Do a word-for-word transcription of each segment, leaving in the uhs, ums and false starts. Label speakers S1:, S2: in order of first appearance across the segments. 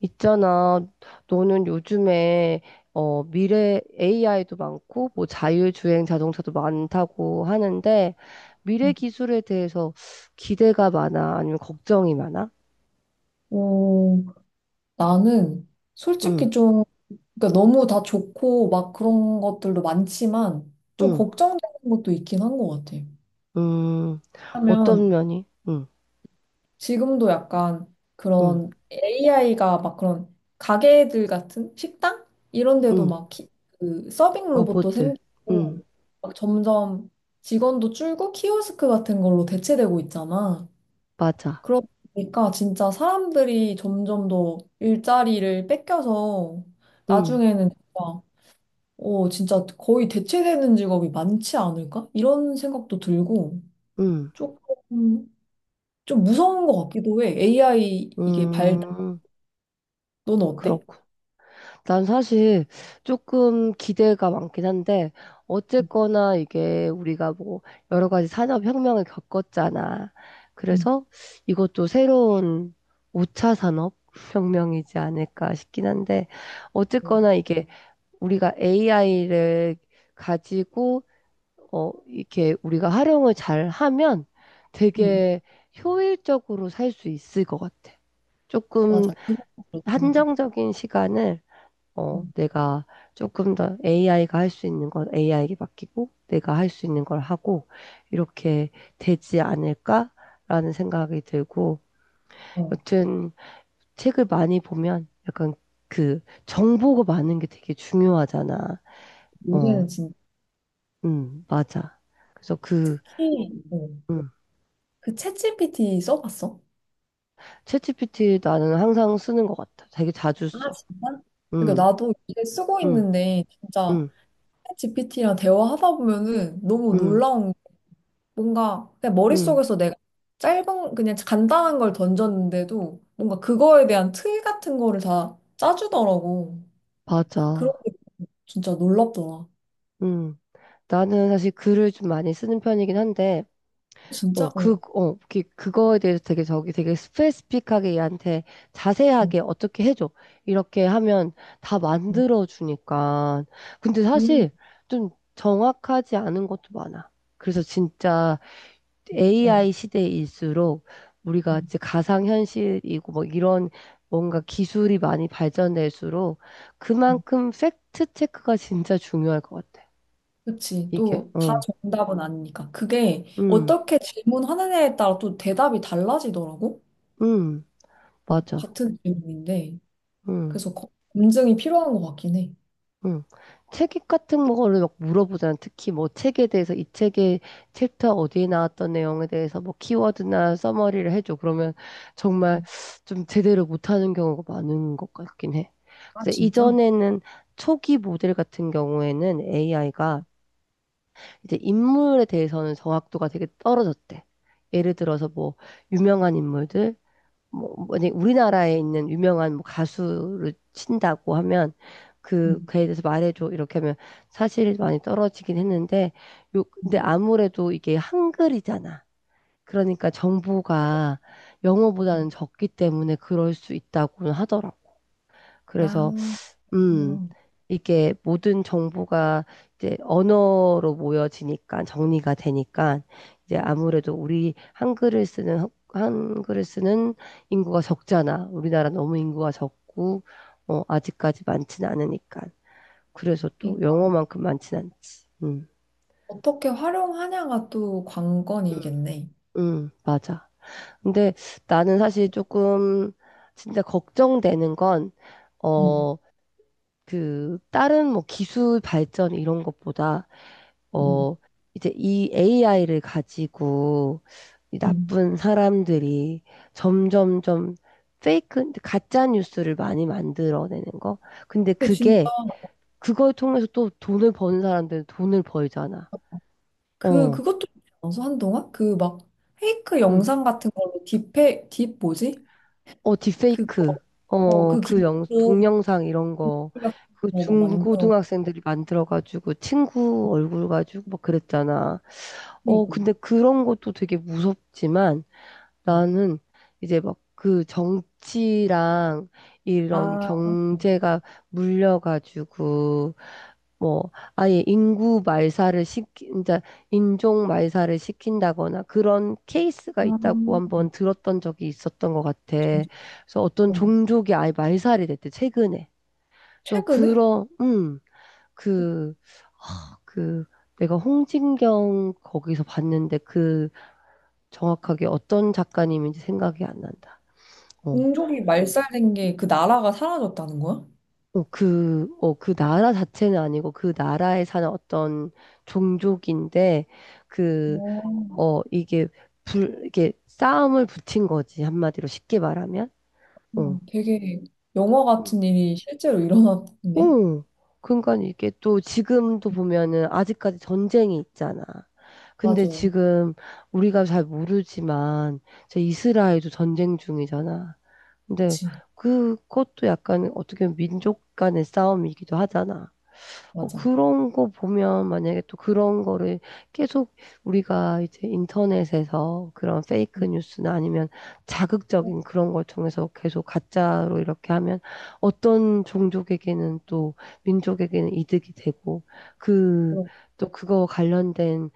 S1: 있잖아, 너는 요즘에 어, 미래 에이아이도 많고 뭐 자율주행 자동차도 많다고 하는데 미래 기술에 대해서 기대가 많아? 아니면 걱정이 많아?
S2: 어, 나는 솔직히
S1: 응.
S2: 좀, 그러니까 너무 다 좋고 막 그런 것들도 많지만 좀
S1: 응.
S2: 걱정되는 것도 있긴 한 것 같아.
S1: 음.
S2: 왜냐면
S1: 어떤 면이? 응.
S2: 지금도 약간
S1: 응.
S2: 그런 에이아이가 막 그런 가게들 같은 식당? 이런 데도
S1: 응.
S2: 막 키, 그 서빙 로봇도
S1: 로봇들. 응.
S2: 생기고 막 점점 직원도 줄고 키오스크 같은 걸로 대체되고 있잖아.
S1: 맞아.
S2: 그러다 보니까 진짜 사람들이 점점 더 일자리를 뺏겨서
S1: 응.
S2: 나중에는 진짜, 어, 진짜 거의 대체되는 직업이 많지 않을까? 이런 생각도 들고
S1: 응.
S2: 조금 좀 무서운 것 같기도 해. 에이아이 이게 발달,
S1: 음.
S2: 너는 어때?
S1: 그렇구나. 난 사실 조금 기대가 많긴 한데,
S2: 음,
S1: 어쨌거나 이게 우리가 뭐 여러 가지 산업혁명을 겪었잖아.
S2: 음,
S1: 그래서 이것도 새로운 오 차 산업혁명이지 않을까 싶긴 한데,
S2: 음.
S1: 어쨌거나 이게 우리가 에이아이를 가지고, 어, 이렇게 우리가 활용을 잘 하면
S2: 응,
S1: 되게 효율적으로 살 수 있을 것 같아. 조금
S2: 맞아. 그거 그렇긴 하다.
S1: 한정적인 시간을, 어, 내가 조금 더 에이아이가 할 수 있는 건 에이아이에게 맡기고 내가 할 수 있는 걸 하고 이렇게 되지 않을까라는 생각이 들고,
S2: 음, 어,
S1: 여튼 책을 많이 보면 약간 그 정보가 많은 게 되게 중요하잖아. 어,
S2: 요새는 진짜
S1: 음, 맞아. 그래서 그
S2: 특히 어,
S1: 음,
S2: 그 챗지피티 써봤어?
S1: 챗지피티 나는 항상 쓰는 것 같아. 되게 자주
S2: 아,
S1: 써.
S2: 진짜? 그러니까
S1: 음.
S2: 나도 이제 쓰고
S1: 음.
S2: 있는데 진짜
S1: 음.
S2: 지피티랑 대화하다 보면은 너무
S1: 음.
S2: 놀라운 게 뭔가 그냥
S1: 음,
S2: 머릿속에서 내가 짧은 그냥 간단한 걸 던졌는데도 뭔가 그거에 대한 틀 같은 거를 다 짜주더라고. 그런
S1: 맞아.
S2: 게 진짜 놀랍더라.
S1: 음. 나는 사실 글을 좀 많이 쓰는 편이긴 한데,
S2: 진짜?
S1: 어, 그,
S2: 어.
S1: 어, 그, 그거에 대해서 되게 저기 되게 스페시픽하게 얘한테
S2: 응,
S1: 자세하게 어떻게 해줘. 이렇게 하면 다
S2: 응.
S1: 만들어주니까. 근데
S2: 음,
S1: 사실 좀 정확하지 않은 것도 많아. 그래서 진짜
S2: 어.
S1: 에이아이 시대일수록
S2: 응,
S1: 우리가 이제 가상현실이고 뭐 이런 뭔가 기술이 많이 발전될수록
S2: 응.
S1: 그만큼 팩트 체크가 진짜 중요할 것 같아.
S2: 그치.
S1: 이게,
S2: 또 다
S1: 어,
S2: 정답은 아니니까. 그게
S1: 음.
S2: 어떻게 질문하느냐에 따라 또 대답이 달라지더라고.
S1: 음,
S2: 어,
S1: 맞아.
S2: 같은 질문인데.
S1: 음.
S2: 그래서 거- 검증이 필요한 것 같긴 해.
S1: 응. 책 같은 거를 막 물어보잖아. 특히 뭐 책에 대해서 이 책의 챕터 어디에 나왔던 내용에 대해서 뭐 키워드나 서머리를 해줘. 그러면 정말
S2: 응.
S1: 좀 제대로 못하는 경우가 많은 것 같긴 해.
S2: 아,
S1: 그래서
S2: 진짜?
S1: 이전에는 초기 모델 같은 경우에는 에이아이가 이제 인물에 대해서는 정확도가 되게 떨어졌대. 예를 들어서 뭐 유명한 인물들, 뭐, 만약에 우리나라에 있는 유명한 뭐 가수를 친다고 하면 그
S2: 응.
S1: 그에 대해서 말해줘 이렇게 하면 사실 많이 떨어지긴 했는데, 요 근데
S2: 응.
S1: 아무래도 이게 한글이잖아. 그러니까 정보가
S2: 어,
S1: 영어보다는 적기 때문에 그럴 수 있다고는 하더라고.
S2: 아,
S1: 그래서 음.
S2: 어.
S1: 이게 모든 정보가 이제 언어로 모여지니까 정리가 되니까 이제 아무래도 우리 한글을 쓰는 한- 한글을 쓰는 인구가 적잖아. 우리나라 너무 인구가 적고, 어, 아직까지 많진 않으니까. 그래서
S2: 이
S1: 또 영어만큼 많진 않지. 음.
S2: 어떻게 활용하냐가 또
S1: 음.
S2: 관건이겠네.
S1: 음, 맞아. 근데 나는 사실 조금 진짜 걱정되는 건,
S2: 음,
S1: 어, 그 다른 뭐 기술 발전 이런 것보다,
S2: 음,
S1: 어, 이제 이 에이아이를 가지고 이
S2: 음.
S1: 나쁜 사람들이 점점 점 페이크, 가짜 뉴스를 많이 만들어내는 거. 근데
S2: 근데 진짜
S1: 그게, 그걸 통해서 또 돈을 버는 사람들은 돈을 벌잖아.
S2: 그
S1: 어.
S2: 그것도 있어서 한동안 그 막 페이크
S1: 음.
S2: 영상 같은 걸로 딥페 딥 뭐지?
S1: 어,
S2: 그거
S1: 딥페이크. 어,
S2: 어그
S1: 그 영,
S2: 기술로
S1: 동영상 이런 거.
S2: 우리가
S1: 그
S2: 뭐 만들어.
S1: 중고등학생들이 만들어가지고 친구 얼굴 가지고 막 그랬잖아. 어,
S2: 그러니까.
S1: 근데 그런 것도 되게 무섭지만,
S2: 음.
S1: 나는 이제 막 그 정치랑 이런
S2: 아,
S1: 경제가 물려가지고 뭐 아예 인구 말살을 시키, 이제 인종 말살을 시킨다거나 그런 케이스가 있다고
S2: 아
S1: 한번 들었던 적이 있었던 것 같아.
S2: 진짜.
S1: 그래서 어떤
S2: 음.
S1: 종족이 아예 말살이 됐대, 최근에. 그래서
S2: 최근에
S1: 그런, 음, 그, 아, 그, 내가 홍진경 거기서 봤는데 그 정확하게 어떤 작가님인지 생각이 안 난다. 어.
S2: 공족이 말살된 게 그 나라가 사라졌다는 거야?
S1: 어. 그, 어, 그 나라 자체는 아니고 그 나라에 사는 어떤 종족인데, 그,
S2: 어,
S1: 어, 이게, 불, 이게 싸움을 붙인 거지. 한마디로 쉽게 말하면.
S2: 어,
S1: 어.
S2: 되게 영화
S1: 음.
S2: 같은 일이 실제로 일어났네.
S1: 어. 그러니까 이게 또 지금도 보면은 아직까지 전쟁이 있잖아. 근데
S2: 맞아.
S1: 지금 우리가 잘 모르지만 제 이스라엘도 전쟁 중이잖아. 근데
S2: 그치?
S1: 그것도 약간 어떻게 보면 민족 간의 싸움이기도 하잖아. 어,
S2: 맞아.
S1: 그런 거 보면 만약에 또 그런 거를 계속 우리가 이제 인터넷에서 그런 페이크
S2: 음.
S1: 뉴스나 아니면 자극적인 그런 걸 통해서 계속 가짜로 이렇게 하면 어떤 종족에게는 또 민족에게는 이득이 되고 그
S2: 그런
S1: 또 그거 관련된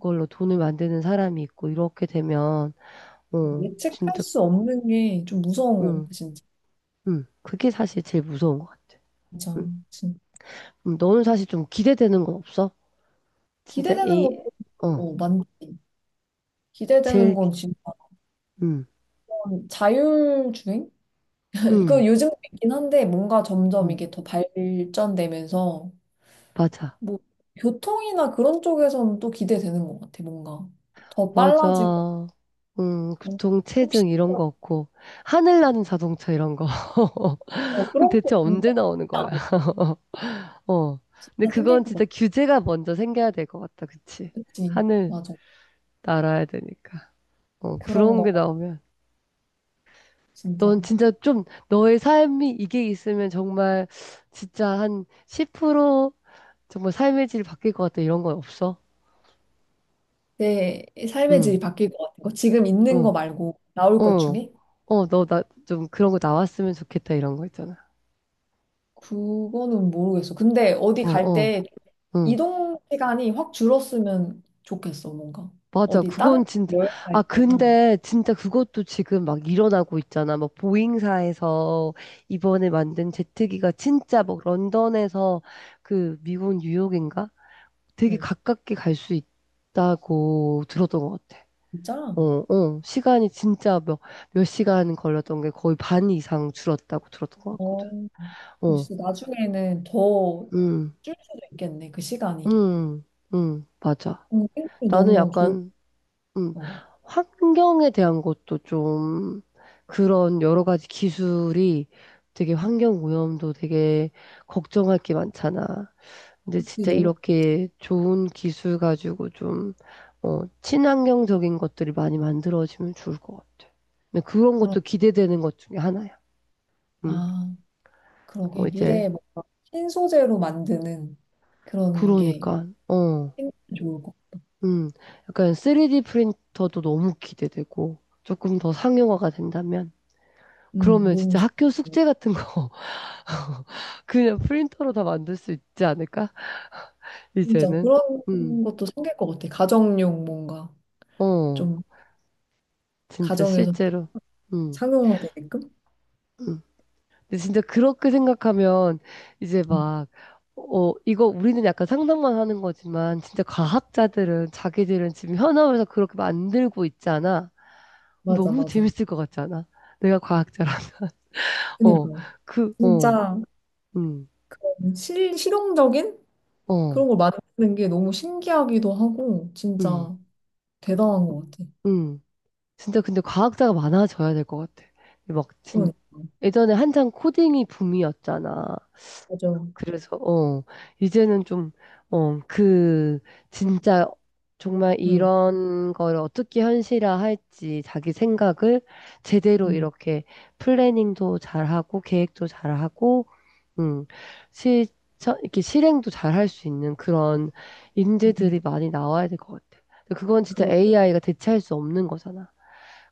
S1: 걸로 돈을 만드는 사람이 있고 이렇게 되면 어
S2: 예측할
S1: 진짜.
S2: 수 없는 게 좀 무서운 것 같아,
S1: 음.
S2: 진짜.
S1: 음, 그게 사실 제일 무서운 것 같아.
S2: 진짜,
S1: 음.
S2: 진-
S1: 음, 너는 사실 좀 기대되는 건 없어? 진짜
S2: 기대되는
S1: A.
S2: 것도
S1: 어.
S2: 어, 많지. 기대되는
S1: 제일.
S2: 건 진짜
S1: 응.
S2: 자율주행?
S1: 응.
S2: 이거 요즘도 있긴 한데 뭔가 점점
S1: 응,
S2: 이게 더 발전되면서
S1: 맞아.
S2: 뭐 교통이나 그런 쪽에서는 또 기대되는 것 같아, 뭔가. 더 빨라지고.
S1: 맞아. 응,
S2: 어, 혹시
S1: 교통체증 이런 거 없고, 하늘 나는 자동차 이런 거.
S2: 어,
S1: 그럼
S2: 그런 거
S1: 대체
S2: 진짜
S1: 언제 나오는
S2: 생기지
S1: 거야?
S2: 않을까?
S1: 어. 근데
S2: 진짜 생길
S1: 그건
S2: 것
S1: 진짜
S2: 같아.
S1: 규제가 먼저 생겨야 될 것 같다, 그치?
S2: 그치?
S1: 하늘
S2: 맞아.
S1: 날아야 되니까. 어,
S2: 그런
S1: 그런
S2: 거
S1: 게 나오면.
S2: 진짜.
S1: 넌 진짜 좀, 너의 삶이 이게 있으면 정말, 진짜 한 십 퍼센트 정말 삶의 질이 바뀔 것 같다, 이런 건 없어?
S2: 내 삶의
S1: 응.
S2: 질이 바뀔 것 같은 거. 지금 있는
S1: 어.
S2: 거 말고 나올
S1: 어,
S2: 것 중에?
S1: 어, 너 나 좀 그런 거 나왔으면 좋겠다 이런 거 있잖아.
S2: 그거는 모르겠어. 근데 어디
S1: 어.
S2: 갈
S1: 어.
S2: 때
S1: 응.
S2: 이동 시간이 확 줄었으면 좋겠어, 뭔가.
S1: 맞아.
S2: 어디 다른
S1: 그건 진짜.
S2: 여행
S1: 아,
S2: 갈 때나.
S1: 근데 진짜 그것도 지금 막 일어나고 있잖아. 막 보잉사에서 이번에 만든 제트기가 진짜 막 런던에서 그 미국 뉴욕인가?
S2: 어,
S1: 되게 가깝게 갈 수 있다고 들었던 것 같아.
S2: 진짜?
S1: 어. 어. 시간이 진짜 몇, 몇 시간 걸렸던 게 거의 반 이상 줄었다고 들었던 것
S2: 어,
S1: 같거든.
S2: 그럼
S1: 어.
S2: 진짜 나중에는 더
S1: 음.
S2: 줄 수도 있겠네, 그 시간이.
S1: 음. 음, 맞아.
S2: 음, 생각이
S1: 나는
S2: 너무 좋을
S1: 약간, 음,
S2: 것 같아.
S1: 환경에 대한 것도 좀, 그런 여러 가지 기술이 되게 환경 오염도 되게 걱정할 게 많잖아. 근데
S2: 그치,
S1: 진짜
S2: 너무
S1: 이렇게 좋은 기술 가지고 좀, 어, 친환경적인 것들이 많이 만들어지면 좋을 것 같아. 근데 그런
S2: 그런,
S1: 것도 기대되는 것 중에 하나야. 음,
S2: 아, 그러게.
S1: 뭐 이제,
S2: 미래에 뭔가 신소재로 만드는 그런 게
S1: 그러니까, 어,
S2: 생기면 좋을 것 같아.
S1: 음, 약간 쓰리디 프린터도 너무 기대되고, 조금 더 상용화가 된다면,
S2: 음,
S1: 그러면
S2: 너무
S1: 진짜
S2: 싫어.
S1: 학교 숙제 같은 거 그냥 프린터로 다 만들 수 있지 않을까?
S2: 진짜
S1: 이제는.
S2: 그런
S1: 음.
S2: 것도 생길 것 같아. 가정용 뭔가
S1: 어.
S2: 좀
S1: 진짜
S2: 가정에서
S1: 실제로. 음.
S2: 상용화되게끔?
S1: 음. 근데 진짜 그렇게 생각하면 이제
S2: 음,
S1: 막, 어, 이거 우리는 약간 상상만 하는 거지만 진짜 과학자들은 자기들은 지금 현업에서 그렇게 만들고 있잖아.
S2: 맞아
S1: 너무
S2: 맞아.
S1: 재밌을 것 같지 않아? 내가 과학자라. 어.
S2: 그니까
S1: 그 어.
S2: 진짜
S1: 음.
S2: 실 실용적인
S1: 어.
S2: 그런 걸 만드는 게 너무 신기하기도 하고
S1: 음.
S2: 진짜 대단한 것 같아.
S1: 음. 진짜 근데 과학자가 많아져야 될 것 같아. 막 진,
S2: 그러니까
S1: 예전에 한창 코딩이 붐이었잖아.
S2: 맞아.
S1: 그래서 어 이제는 좀 어 그 진짜 정말
S2: 응,
S1: 이런 거를 어떻게 현실화할지 자기 생각을 제대로
S2: 응,
S1: 이렇게 플래닝도 잘하고 계획도 잘하고 음 실천 이렇게 실행도 잘할 수 있는 그런
S2: 응.
S1: 인재들이
S2: 응.
S1: 많이 나와야 될 것 같아. 근데 그건 진짜
S2: 그러게.
S1: 에이아이가 대체할 수 없는 거잖아.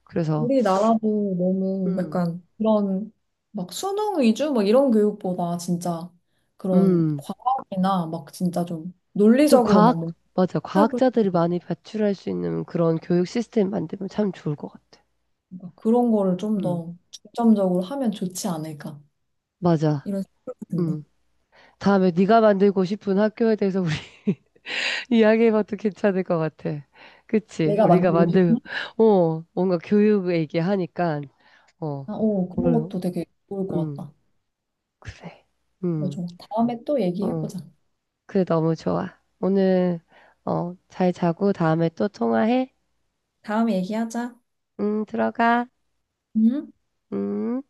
S1: 그래서
S2: 우리나라도 너무
S1: 음.
S2: 약간 그런 막 수능 위주 막 이런 교육보다 진짜 그런
S1: 음.
S2: 과학이나 막 진짜 좀
S1: 좀
S2: 논리적으로 막
S1: 과학, 맞아.
S2: 뭔가
S1: 과학자들이 많이 배출할 수 있는 그런 교육 시스템 만들면 참 좋을 것 같아.
S2: 뭔가 그런 거를 좀
S1: 음,
S2: 더 중점적으로 하면 좋지 않을까
S1: 맞아.
S2: 이런 생각이
S1: 음.
S2: 든다.
S1: 다음에 네가 만들고 싶은 학교에 대해서 우리 이야기해봐도 괜찮을 것 같아. 그치?
S2: 내가
S1: 우리가
S2: 만들고
S1: 만들,
S2: 싶은
S1: 어, 뭔가 교육 얘기하니까, 어,
S2: 아, 오, 그런
S1: 뭘,
S2: 것도 되게 좋을 것
S1: 음,
S2: 같다.
S1: 그래.
S2: 맞아.
S1: 음.
S2: 다음에 또
S1: 어,
S2: 얘기해보자.
S1: 그래, 너무 좋아. 오늘, 어, 잘 자고 다음에 또 통화해.
S2: 다음에 얘기하자.
S1: 음, 들어가.
S2: 응?
S1: 음.